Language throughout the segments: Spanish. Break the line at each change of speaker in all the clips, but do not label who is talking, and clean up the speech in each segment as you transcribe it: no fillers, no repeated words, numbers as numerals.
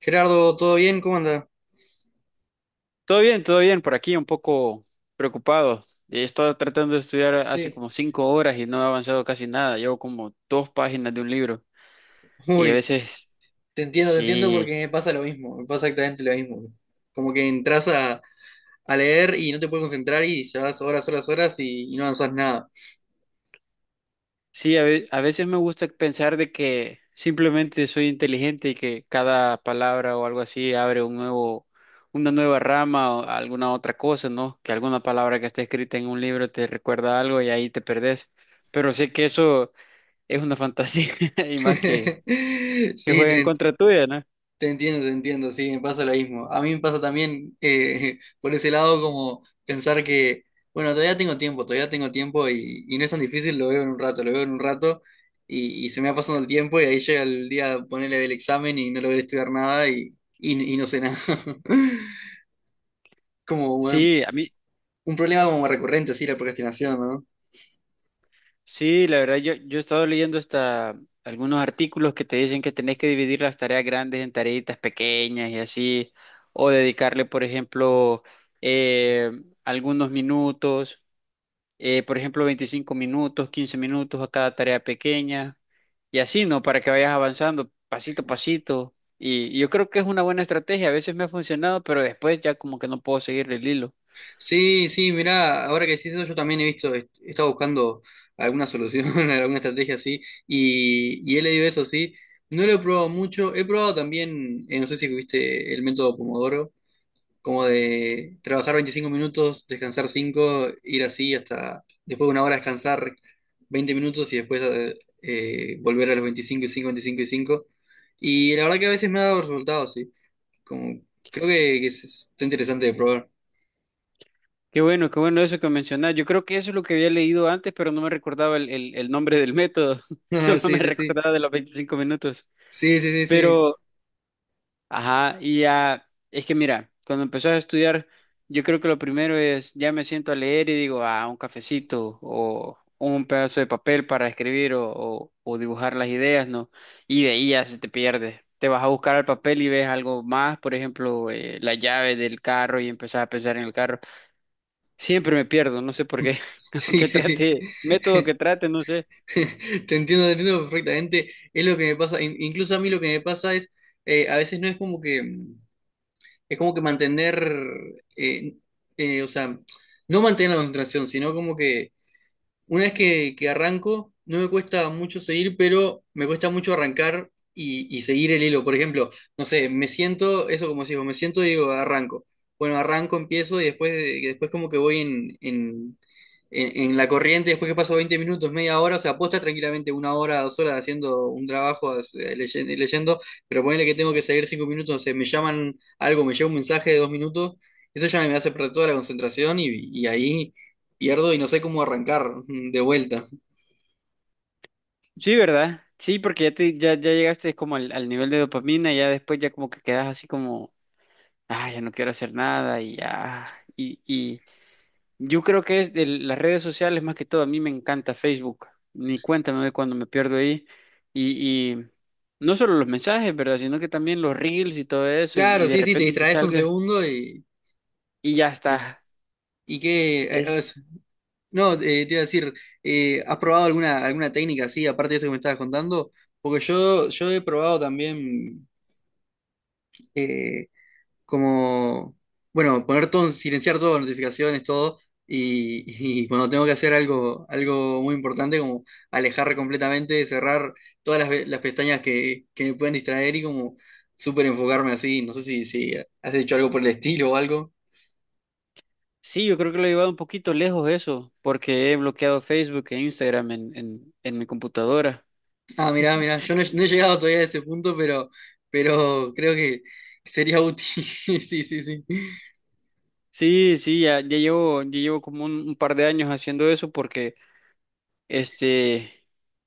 Gerardo, ¿todo bien? ¿Cómo anda?
Todo bien, por aquí un poco preocupado. He estado tratando de estudiar hace
Sí,
como 5 horas y no he avanzado casi nada. Llevo como 2 páginas de un libro y a
uy,
veces,
te entiendo
sí,
porque me pasa lo mismo, me pasa exactamente lo mismo. Como que entras a leer y no te puedes concentrar y llevas horas, horas, horas y no avanzas nada.
sí, a veces me gusta pensar de que simplemente soy inteligente y que cada palabra o algo así abre un nuevo, una nueva rama o alguna otra cosa, ¿no? Que alguna palabra que está escrita en un libro te recuerda algo y ahí te perdés. Pero sé que eso es una fantasía y más que, que
Sí,
juega en contra tuya, ¿no?
te entiendo, te entiendo, sí, me pasa lo mismo. A mí me pasa también por ese lado, como pensar que, bueno, todavía tengo tiempo y no es tan difícil, lo veo en un rato, lo veo en un rato y se me va pasando el tiempo y ahí llega el día ponerle del examen y no logré estudiar nada y no sé nada. Como un,
Sí, a mí,
un problema como recurrente, sí, la procrastinación, ¿no?
sí, la verdad, yo he estado leyendo hasta algunos artículos que te dicen que tenés que dividir las tareas grandes en tareitas pequeñas y así, o dedicarle, por ejemplo, eh, algunos minutos, por ejemplo, 25 minutos, 15 minutos a cada tarea pequeña, y así, ¿no? Para que vayas avanzando pasito a pasito. Y yo creo que es una buena estrategia, a veces me ha funcionado, pero después ya como que no puedo seguir el hilo.
Sí, sí, mirá, ahora que decís eso, yo también he visto, he estado buscando alguna solución, alguna estrategia así, y he leído eso, sí. No lo he probado mucho, he probado también, no sé si viste el método Pomodoro, como de trabajar 25 minutos, descansar 5, ir así hasta después de 1 hora descansar 20 minutos y después volver a los 25 y 5, 25 y cinco. Y la verdad que a veces me ha dado resultados, sí. Como, creo que está interesante de probar.
Qué bueno eso que mencionás. Yo creo que eso es lo que había leído antes, pero no me recordaba el nombre del método.
Ah,
Solo me
sí, sí, sí.
recordaba de los 25 minutos.
Sí, sí, sí, sí.
Pero, ajá, y ya, es que mira, cuando empezás a estudiar, yo creo que lo primero es, ya me siento a leer y digo, ah, un cafecito o un pedazo de papel para escribir o dibujar las ideas, ¿no? Y de ahí ya se te pierde. Te vas a buscar al papel y ves algo más, por ejemplo, la llave del carro y empezás a pensar en el carro. Siempre me pierdo, no sé por qué.
Sí,
Aunque
sí, sí.
trate, método que trate, no sé.
Te entiendo perfectamente. Es lo que me pasa. Incluso a mí lo que me pasa es, a veces no es como que, es como que mantener, eh, o sea, no mantener la concentración, sino como que una vez que arranco, no me cuesta mucho seguir, pero me cuesta mucho arrancar y seguir el hilo. Por ejemplo, no sé, me siento, eso como si me siento y digo, arranco. Bueno, arranco, empiezo y después como que voy en la corriente, después que paso 20 minutos, media hora, o sea, puedo estar tranquilamente 1 hora, 2 horas haciendo un trabajo, leyendo, pero ponele que tengo que seguir 5 minutos, no sé, me llaman algo, me llega un mensaje de 2 minutos, eso ya me hace perder toda la concentración y ahí pierdo y no sé cómo arrancar de vuelta.
Sí, ¿verdad? Sí, porque ya llegaste como al, nivel de dopamina, ya después ya como que quedas así como, ah, ya no quiero hacer nada y ya. Y yo creo que es de las redes sociales más que todo, a mí me encanta Facebook. Ni cuenta me doy cuando me pierdo ahí. Y no solo los mensajes, ¿verdad? Sino que también los reels y todo eso. Y
Claro,
de
sí, sí, te
repente te
distraes un
salga
segundo y.
y ya está.
¿Y qué? No, te iba a decir, ¿has probado alguna técnica así, aparte de eso que me estabas contando? Porque yo he probado también. eh, Como, bueno, poner todo, silenciar todas las notificaciones, todo, y, y cuando tengo que hacer algo, algo muy importante, como alejar completamente, cerrar todas las pestañas que me pueden distraer y como súper enfocarme así, no sé si has hecho algo por el estilo o algo.
Sí, yo creo que lo he llevado un poquito lejos eso, porque he bloqueado Facebook e Instagram en, en mi computadora.
Ah, mirá, mirá, yo no, he no he llegado todavía a ese punto, pero creo que sería útil. Sí, sí, sí.
Sí, sí, ya llevo como un par de años haciendo eso porque este,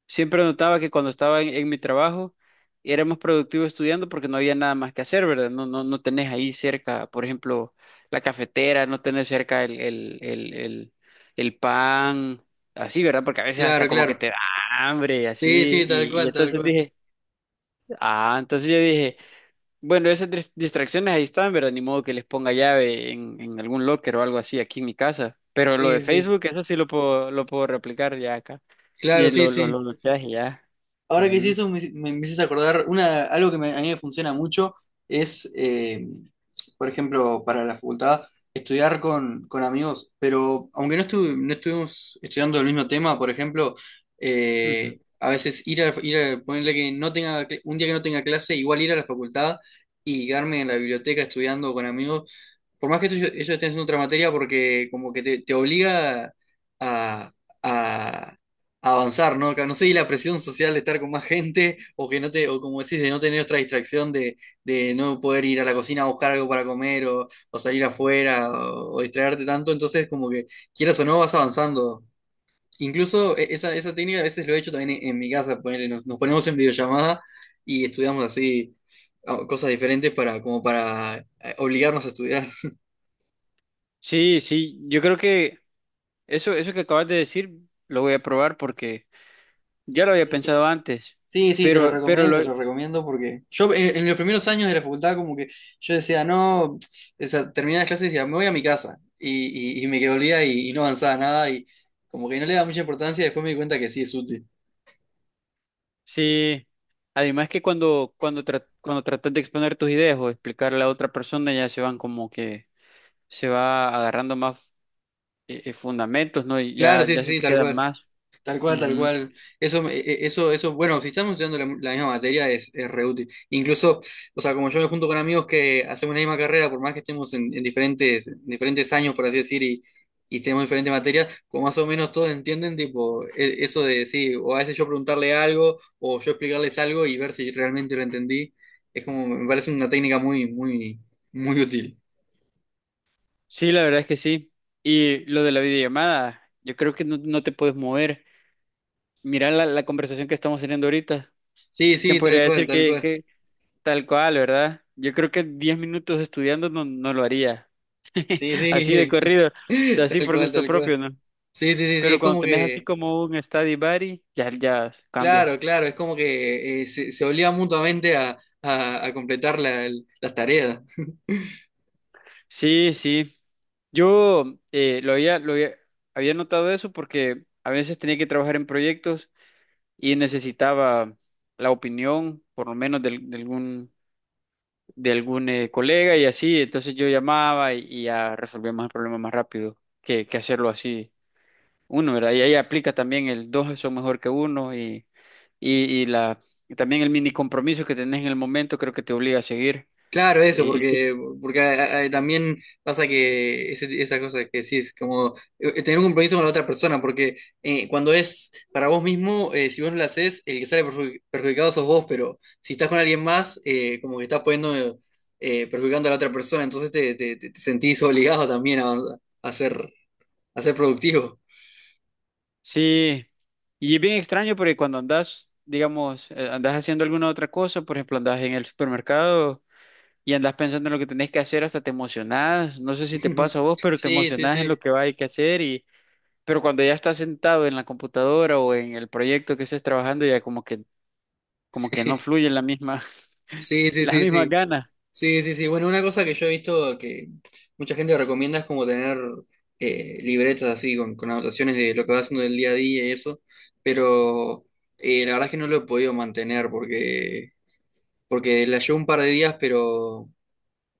siempre notaba que cuando estaba en mi trabajo era más productivo estudiando porque no había nada más que hacer, ¿verdad? No tenés ahí cerca, por ejemplo, la cafetera, no tenés cerca el pan, así, ¿verdad? Porque a veces hasta
Claro,
como que
claro.
te da hambre,
Sí,
así,
sí, tal
y
cual, tal
entonces
cual.
dije… Ah, entonces yo dije, bueno, esas distracciones ahí están, ¿verdad? Ni modo que les ponga llave en algún locker o algo así aquí en mi casa. Pero lo de
Sí, sí.
Facebook, eso sí lo puedo replicar ya acá. Y
Claro, sí,
lo
sí.
bloqueaje ya.
Ahora que
Ujú,
hiciste eso, me empiezas a acordar, a mí me funciona mucho, es, por ejemplo, para la facultad, estudiar con amigos, pero aunque no, no estuvimos estudiando el mismo tema, por ejemplo,
ujú.
a veces ponerle que no tenga, un día que no tenga clase, igual ir a la facultad y quedarme en la biblioteca estudiando con amigos, por más que ellos estén haciendo otra materia, porque como que te obliga a, a- a avanzar, ¿no? Que no sé, y la presión social de estar con más gente, o que no te, o como decís, de no tener otra distracción, de no poder ir a la cocina a buscar algo para comer, o salir afuera, o distraerte tanto, entonces como que quieras o no, vas avanzando. Incluso esa técnica a veces lo he hecho también en mi casa, ponele, nos ponemos en videollamada y estudiamos así cosas diferentes como para obligarnos a estudiar.
Sí, sí, yo creo que eso que acabas de decir lo voy a probar porque ya lo había pensado antes.
Sí, sí,
Pero
te lo recomiendo porque yo en los primeros años de la facultad, como que yo decía, no, o sea, terminaba las clases y decía, me voy a mi casa y me quedé olvidada y no avanzaba nada y como que no le daba mucha importancia y después me di cuenta que sí es útil.
sí, además que cuando tratas de exponer tus ideas o explicarle a otra persona, ya se van como que se va agarrando más fundamentos, ¿no? Y
Claro,
ya,
sí,
ya
sí,
se
sí,
te
tal
quedan
cual.
más.
Tal cual, tal
Ujú.
cual. Eso, bueno, si estamos estudiando la misma materia, es re útil. Incluso, o sea, como yo me junto con amigos que hacemos la misma carrera, por más que estemos en diferentes años, por así decir, y tenemos diferentes materias, como más o menos todos entienden, tipo, eso de, sí, o a veces yo preguntarle algo, o yo explicarles algo y ver si realmente lo entendí, es como, me parece una técnica muy, muy, muy útil.
Sí, la verdad es que sí. Y lo de la videollamada, yo creo que no, no te puedes mover. Mira la conversación que estamos teniendo ahorita.
Sí,
¿Quién
sí,
podría
tal cual,
decir
tal
que,
cual.
que tal cual, verdad? Yo creo que 10 minutos estudiando no lo haría.
Sí,
Así de
sí,
corrido, así
tal
por
cual,
gusto
tal cual.
propio, ¿no?
Sí, sí, sí, sí,
Pero
es
cuando
como
tenés así
que.
como un study buddy, ya cambia.
Claro, claro, es como que se obliga mutuamente a completar las tareas.
Sí, sí. Yo eh, lo había, lo había, había notado eso porque a veces tenía que trabajar en proyectos y necesitaba la opinión, por lo menos del- de algún colega y así. Entonces yo llamaba y ya resolvíamos el problema más rápido que hacerlo así uno, ¿verdad? Y ahí aplica también el dos son mejor que uno y, y la, y también el mini compromiso que tenés en el momento creo que te obliga a seguir.
Claro, eso, porque ah, ah, también pasa que ese, esa cosa que decís, como tener un compromiso con la otra persona, porque cuando es para vos mismo, si vos no lo haces, el que sale perjudicado sos vos, pero si estás con alguien más, como que estás poniendo, perjudicando a la otra persona, entonces te sentís obligado también a ser, a ser productivo.
Sí, y es bien extraño porque cuando andas, digamos, andas haciendo alguna otra cosa, por ejemplo, andas en el supermercado y andas pensando en lo que tenés que hacer, hasta te emocionás, no sé si te pasa a vos, pero te
Sí, sí,
emocionás en
sí.
lo que va a que hacer y pero cuando ya estás sentado en la computadora o en el proyecto que estés trabajando ya como que no fluyen la misma
Sí, sí,
las
sí,
mismas
sí.
ganas.
Sí, sí, sí. Bueno, una cosa que yo he visto que mucha gente recomienda es como tener libretas así, con anotaciones de lo que va haciendo del día a día y eso. Pero la verdad es que no lo he podido mantener, porque la llevo un par de días, pero,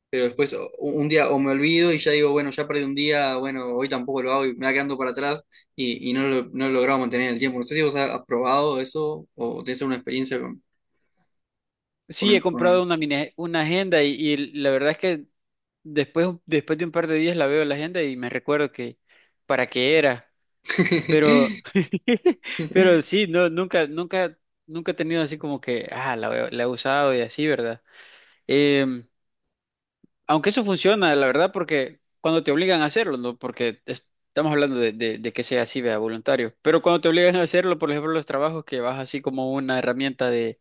pero después un día o me olvido y ya digo, bueno, ya perdí un día, bueno, hoy tampoco lo hago y me va quedando para atrás y no lo, no he logrado mantener el tiempo. No sé si vos has probado eso o tenés alguna experiencia con...
Sí,
con,
he comprado
con...
una una agenda y la verdad es que después de un par de días la veo en la agenda y me recuerdo que para qué era. Pero, pero sí, no, nunca, nunca, nunca he tenido así como que, ah, la he usado y así, ¿verdad? Em, aunque eso funciona, la verdad, porque cuando te obligan a hacerlo, ¿no? Porque es- estamos hablando de, de que sea así, vea, voluntario. Pero cuando te obligan a hacerlo, por ejemplo, los trabajos que vas así como una herramienta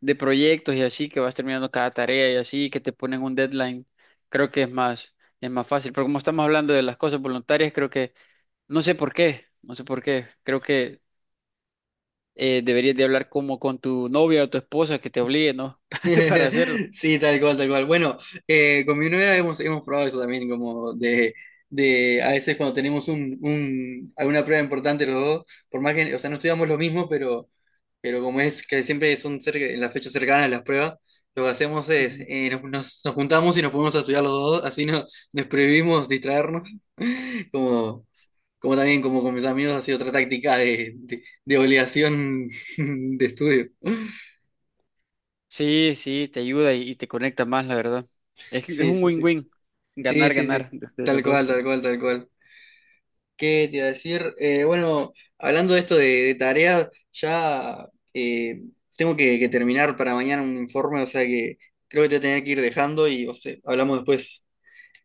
de proyectos y así, que vas terminando cada tarea y así, que te ponen un deadline, creo que es más, fácil. Pero como estamos hablando de las cosas voluntarias, creo que, no sé por qué, no sé por qué, creo que deberías de hablar como con tu novia o tu esposa que te obligue, ¿no? Para hacerlo.
Sí, tal cual, tal cual. Bueno, con mi novia hemos probado eso también, como de a veces cuando tenemos alguna prueba importante los dos, por más que, o sea, no estudiamos lo mismo, pero como es que siempre son en las fechas cercanas las pruebas, lo que hacemos es
Ujú.
nos juntamos y nos ponemos a estudiar los dos, así no, nos prohibimos distraernos, como, como también como con mis amigos ha sido otra táctica de, de obligación de estudio.
Sí, sí, te ayuda y te conecta más, la verdad. Es, que es
Sí,
un
sí, sí.
win-win,
Sí,
ganar,
sí,
ganar
sí.
de los
Tal cual,
dos.
tal cual, tal cual. ¿Qué te iba a decir? Bueno, hablando de esto de, tareas, ya eh, tengo que terminar para mañana un informe, o sea que creo que te voy a tener que ir dejando y, o sea, hablamos después,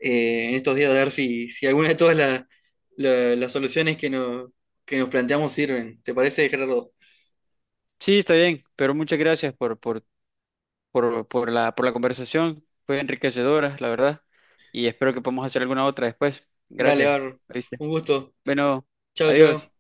en estos días, de ver si alguna de todas las soluciones que nos planteamos sirven. ¿Te parece, Gerardo?
Sí, está bien, pero muchas gracias por la conversación. Fue enriquecedora, la verdad. Y espero que podamos hacer alguna otra después.
Dale. A
Gracias, ¿viste?
Un gusto.
Bueno,
Chao,
adiós.
chao.